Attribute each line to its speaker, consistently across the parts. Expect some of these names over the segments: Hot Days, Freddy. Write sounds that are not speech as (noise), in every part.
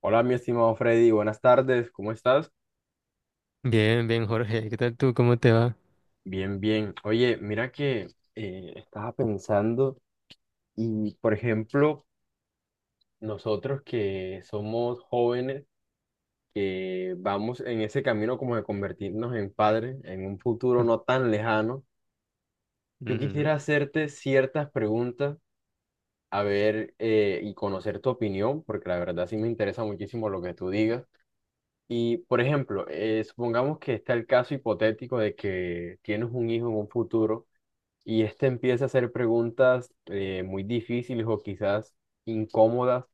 Speaker 1: Hola, mi estimado Freddy, buenas tardes, ¿cómo estás?
Speaker 2: Bien, bien, Jorge. ¿Qué tal tú? ¿Cómo te va?
Speaker 1: Bien, bien. Oye, mira que estaba pensando y, por ejemplo, nosotros que somos jóvenes, que vamos en ese camino como de convertirnos en padres en un futuro no tan lejano, yo
Speaker 2: Ujú,
Speaker 1: quisiera hacerte ciertas preguntas, a ver, y conocer tu opinión, porque la verdad sí me interesa muchísimo lo que tú digas. Y, por ejemplo, supongamos que está el caso hipotético de que tienes un hijo en un futuro y este empieza a hacer preguntas muy difíciles o quizás incómodas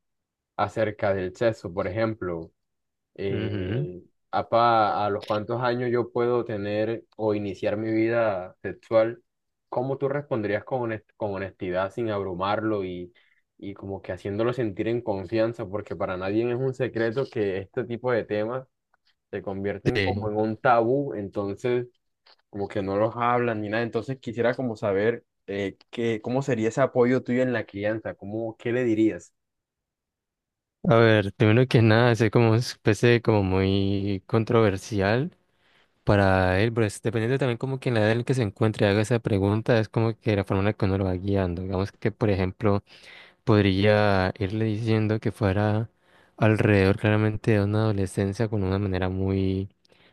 Speaker 1: acerca del sexo. Por ejemplo,
Speaker 2: ujú.
Speaker 1: eh, apa, ¿a los cuántos años yo puedo tener o iniciar mi vida sexual? ¿Cómo tú responderías con, con honestidad sin abrumarlo y como que haciéndolo sentir en confianza? Porque para nadie es un secreto que este tipo de temas se convierten
Speaker 2: Sí.
Speaker 1: como en un tabú, entonces como que no los hablan ni nada. Entonces quisiera como saber qué, cómo sería ese apoyo tuyo en la crianza, cómo, qué le dirías.
Speaker 2: A ver, primero que nada, es como especie como muy controversial para él, pero es dependiendo también como que en la edad en que se encuentre y haga esa pregunta, es como que la forma en la que uno lo va guiando. Digamos que, por ejemplo, podría irle diciendo que fuera alrededor claramente de una adolescencia con una manera muy,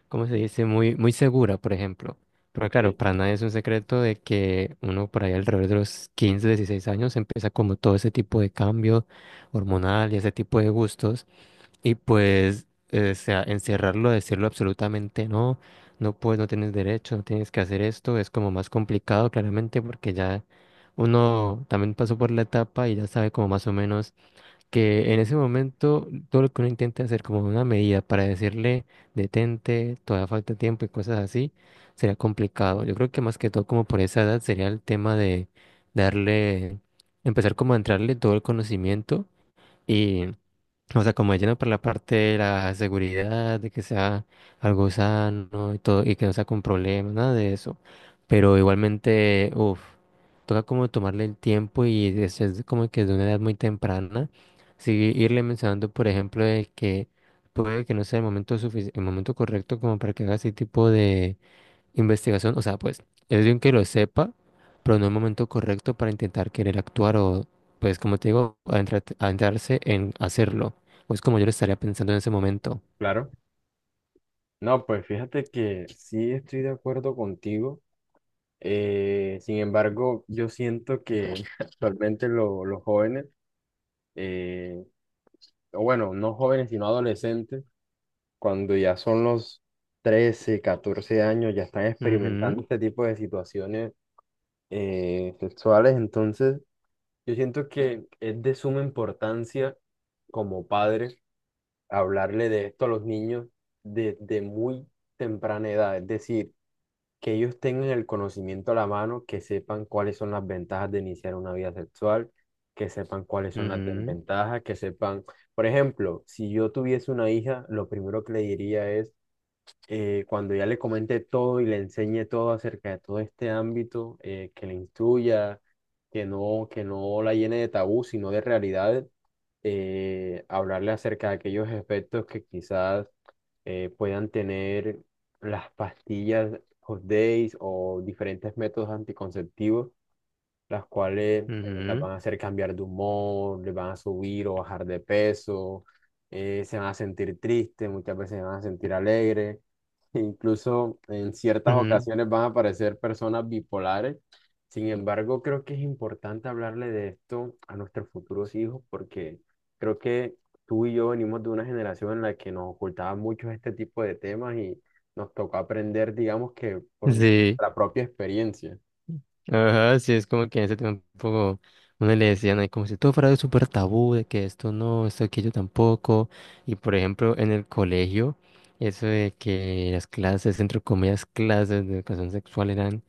Speaker 2: ¿cómo se dice? Muy, muy segura, por ejemplo. Pero
Speaker 1: Ok,
Speaker 2: claro, para nadie es un secreto de que uno por ahí alrededor de los 15, 16 años empieza como todo ese tipo de cambio hormonal y ese tipo de gustos. Y pues, o sea, encerrarlo, decirlo absolutamente no, no puedes, no tienes derecho, no tienes que hacer esto, es como más complicado claramente porque ya uno también pasó por la etapa y ya sabe como más o menos que en ese momento todo lo que uno intenta hacer como una medida para decirle detente, todavía falta tiempo y cosas así, sería complicado. Yo creo que más que todo como por esa edad sería el tema de darle, empezar como a entrarle todo el conocimiento. O sea, como lleno por la parte de la seguridad, de que sea algo sano y todo, y que no sea con problemas, nada de eso. Pero igualmente, uff, toca como tomarle el tiempo y es como que de una edad muy temprana, sí, irle mencionando, por ejemplo, de que puede que no sea el momento el momento correcto como para que haga ese tipo de investigación. O sea, pues es bien que lo sepa, pero no el momento correcto para intentar querer actuar o, pues como te digo, adentrarse en hacerlo. Pues como yo lo estaría pensando en ese momento.
Speaker 1: claro. No, pues fíjate que sí estoy de acuerdo contigo. Sin embargo, yo siento que (laughs) actualmente los jóvenes, eh, o bueno, no jóvenes, sino adolescentes, cuando ya son los 13 14 años, ya están experimentando
Speaker 2: Ujú,
Speaker 1: este tipo de situaciones sexuales, entonces... Yo siento que es de suma importancia como padres hablarle de esto a los niños desde muy temprana edad, es decir, que ellos tengan el conocimiento a la mano, que sepan cuáles son las ventajas de iniciar una vida sexual, que sepan cuáles son las desventajas, que sepan, por ejemplo, si yo tuviese una hija, lo primero que le diría es cuando ya le comente todo y le enseñe todo acerca de todo este ámbito, que le instruya, que no la llene de tabú, sino de realidades, hablarle acerca de aquellos efectos que quizás puedan tener las pastillas Hot Days o diferentes métodos anticonceptivos las cuales las
Speaker 2: ujú,
Speaker 1: van a hacer cambiar de humor, les van a subir o bajar de peso, se van a sentir tristes, muchas veces se van a sentir alegres, (laughs) e incluso en ciertas
Speaker 2: ujú, ujú.
Speaker 1: ocasiones van a aparecer personas bipolares. Sin embargo, creo que es importante hablarle de esto a nuestros futuros hijos porque creo que tú y yo venimos de una generación en la que nos ocultaban mucho este tipo de temas y nos tocó aprender, digamos que por
Speaker 2: Sí,
Speaker 1: la propia experiencia.
Speaker 2: ajá, sí, es como que en ese tiempo uno le decían ahí como si todo fuera súper tabú, de que esto no, esto aquello tampoco. Y por ejemplo, en el colegio, eso de que las clases, entre comillas, clases de educación sexual eran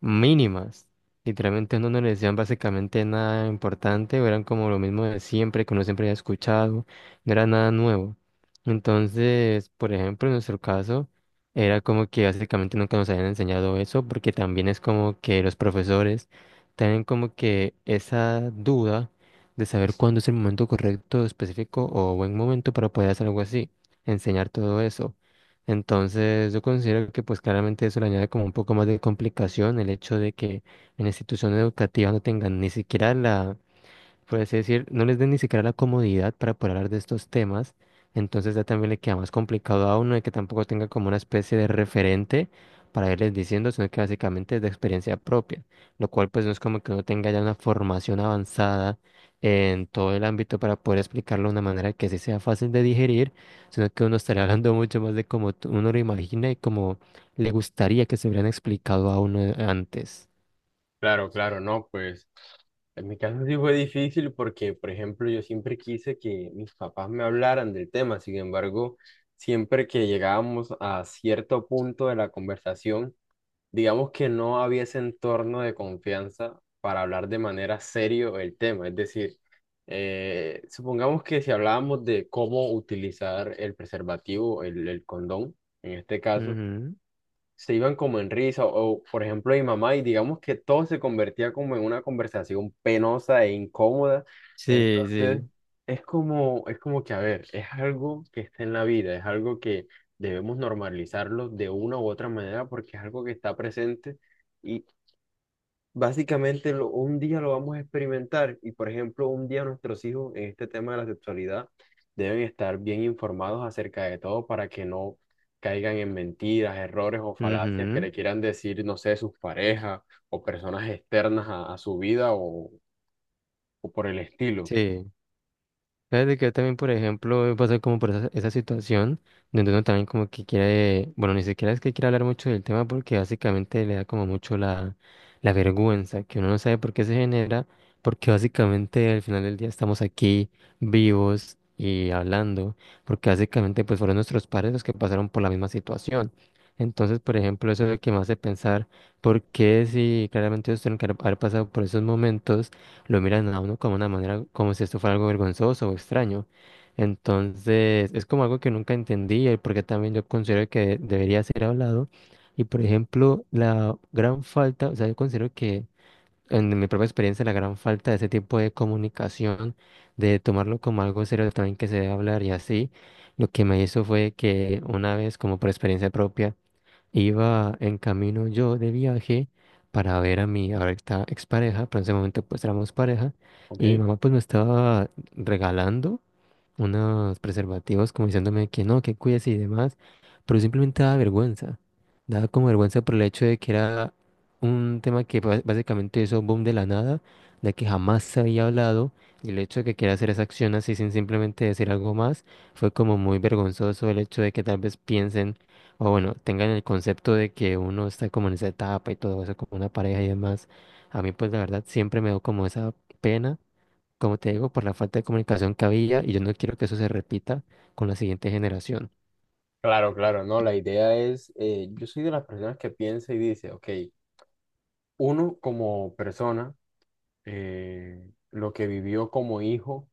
Speaker 2: mínimas. Literalmente no nos decían básicamente nada importante, o eran como lo mismo de siempre, que uno siempre había escuchado, no era nada nuevo. Entonces, por ejemplo, en nuestro caso, era como que básicamente nunca nos habían enseñado eso, porque también es como que los profesores tienen como que esa duda de saber cuándo es el momento correcto, específico o buen momento para poder hacer algo así, enseñar todo eso. Entonces, yo considero que pues claramente eso le añade como un poco más de complicación el hecho de que en la institución educativa no tengan ni siquiera la, por así decir, no les den ni siquiera la comodidad para poder hablar de estos temas, entonces ya también le queda más complicado a uno de que tampoco tenga como una especie de referente para irles diciendo, sino que básicamente es de experiencia propia, lo cual pues no es como que uno tenga ya una formación avanzada en todo el ámbito para poder explicarlo de una manera que sí sea fácil de digerir, sino que uno estaría hablando mucho más de cómo uno lo imagina y cómo le gustaría que se hubieran explicado a uno antes.
Speaker 1: Claro, claro, no, pues. En mi caso sí fue difícil porque, por ejemplo, yo siempre quise que mis papás me hablaran del tema. Sin embargo, siempre que llegábamos a cierto punto de la conversación, digamos que no había ese entorno de confianza para hablar de manera serio el tema. Es decir, supongamos que si hablábamos de cómo utilizar el preservativo, el condón, en este caso
Speaker 2: Ujú.
Speaker 1: se iban como en risa o, por ejemplo, mi mamá y digamos que todo se convertía como en una conversación penosa e incómoda.
Speaker 2: Sí,
Speaker 1: Entonces,
Speaker 2: sí.
Speaker 1: es como que, a ver, es algo que está en la vida, es algo que debemos normalizarlo de una u otra manera porque es algo que está presente. Básicamente, un día lo vamos a experimentar y, por ejemplo, un día nuestros hijos en este tema de la sexualidad deben estar bien informados acerca de todo para que no caigan en mentiras, errores o falacias que
Speaker 2: Ujú.
Speaker 1: le quieran decir, no sé, sus parejas o personas externas a su vida o por el estilo,
Speaker 2: Sí. ¿Sabes de que también, por ejemplo, he pasado como por esa, esa situación donde uno también como que quiere, bueno, ni siquiera es que quiera hablar mucho del tema porque básicamente le da como mucho la, la vergüenza, que uno no sabe por qué se genera, porque básicamente al final del día estamos aquí vivos y hablando, porque básicamente pues fueron nuestros padres los que pasaron por la misma situación. Entonces, por ejemplo, eso es lo que me hace pensar por qué si claramente ellos tienen que haber pasado por esos momentos lo miran a uno como una manera, como si esto fuera algo vergonzoso o extraño. Entonces, es como algo que nunca entendí y porque también yo considero que debería ser hablado. Y por ejemplo, la gran falta, o sea, yo considero que en mi propia experiencia, la gran falta de ese tipo de comunicación, de tomarlo como algo serio también que se debe hablar y así, lo que me hizo fue que una vez, como por experiencia propia, iba en camino yo de viaje para ver a mi ahorita expareja, pero en ese momento pues éramos pareja
Speaker 1: ¿ok?
Speaker 2: y mi mamá pues me estaba regalando unos preservativos como diciéndome que no, que cuides y demás, pero simplemente daba vergüenza. Daba como vergüenza por el hecho de que era un tema que básicamente hizo boom de la nada, de que jamás se había hablado, y el hecho de que quiera hacer esa acción así sin simplemente decir algo más, fue como muy vergonzoso el hecho de que tal vez piensen, o bueno, tengan el concepto de que uno está como en esa etapa y todo eso, como una pareja y demás. A mí pues la verdad siempre me dio como esa pena, como te digo, por la falta de comunicación que había y yo no quiero que eso se repita con la siguiente generación.
Speaker 1: Claro, claro, no, la idea es, yo soy de las personas que piensa y dice, ok, uno como persona, eh, lo que vivió como hijo,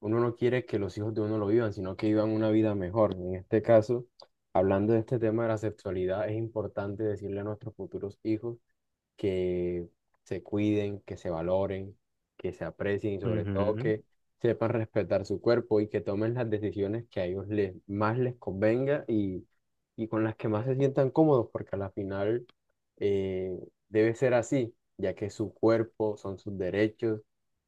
Speaker 1: uno no quiere que los hijos de uno lo vivan, sino que vivan una vida mejor. En este caso, hablando de este tema de la sexualidad, es importante decirle a nuestros futuros hijos que se cuiden, que se valoren, que se aprecien y sobre todo
Speaker 2: Ujú.
Speaker 1: que sepan respetar su cuerpo y que tomen las decisiones que a ellos les, más les convenga y con las que más se sientan cómodos, porque a la final eh, debe ser así, ya que su cuerpo son sus derechos.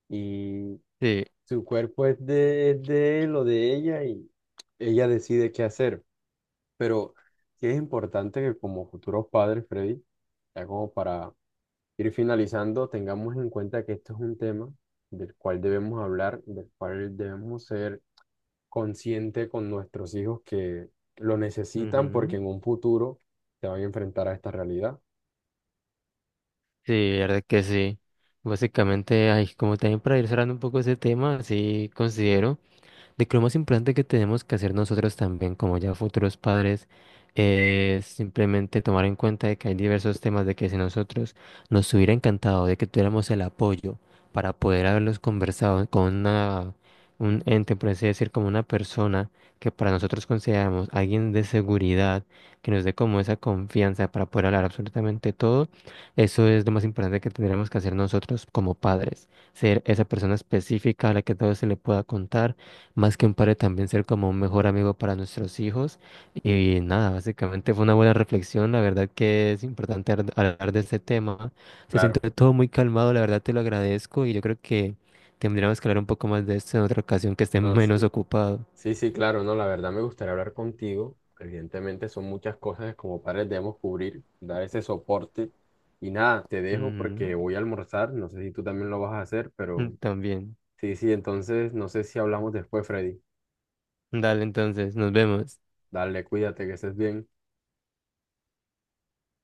Speaker 1: Y
Speaker 2: Sí,
Speaker 1: su cuerpo es de él o de ella y ella decide qué hacer. Pero sí es importante que como futuros padres, Freddy, ya como para ir finalizando, tengamos en cuenta que esto es un tema del cual debemos hablar, del cual debemos ser conscientes con nuestros hijos que lo necesitan porque
Speaker 2: ujú.
Speaker 1: en un futuro se van a enfrentar a esta realidad.
Speaker 2: Sí, la verdad que sí. Básicamente, ay, como también para ir cerrando un poco ese tema, sí considero de que lo más importante que tenemos que hacer nosotros también, como ya futuros padres, es simplemente tomar en cuenta de que hay diversos temas de que si nosotros nos hubiera encantado de que tuviéramos el apoyo para poder haberlos conversado con una, un ente, por así decir, como una persona que para nosotros consideramos alguien de seguridad, que nos dé como esa confianza para poder hablar absolutamente todo, eso es lo más importante que tendremos que hacer nosotros como padres, ser esa persona específica a la que todo se le pueda contar, más que un padre, también ser como un mejor amigo para nuestros hijos. Y nada, básicamente fue una buena reflexión. La verdad que es importante hablar de este tema. Se
Speaker 1: Claro.
Speaker 2: siente todo muy calmado, la verdad te lo agradezco y yo creo que tendríamos que hablar un poco más de esto en otra ocasión que esté (laughs)
Speaker 1: No,
Speaker 2: menos
Speaker 1: sí.
Speaker 2: ocupado.
Speaker 1: Sí, sí, claro, no, la verdad me gustaría hablar contigo. Evidentemente son muchas cosas que como padres debemos cubrir, dar ese soporte. Y nada, te dejo
Speaker 2: Ujú.
Speaker 1: porque voy a almorzar, no sé si tú también lo vas a hacer, pero
Speaker 2: También.
Speaker 1: sí, sí, entonces no sé si hablamos después, Freddy.
Speaker 2: Dale, entonces, nos vemos.
Speaker 1: Dale, cuídate, que estés bien.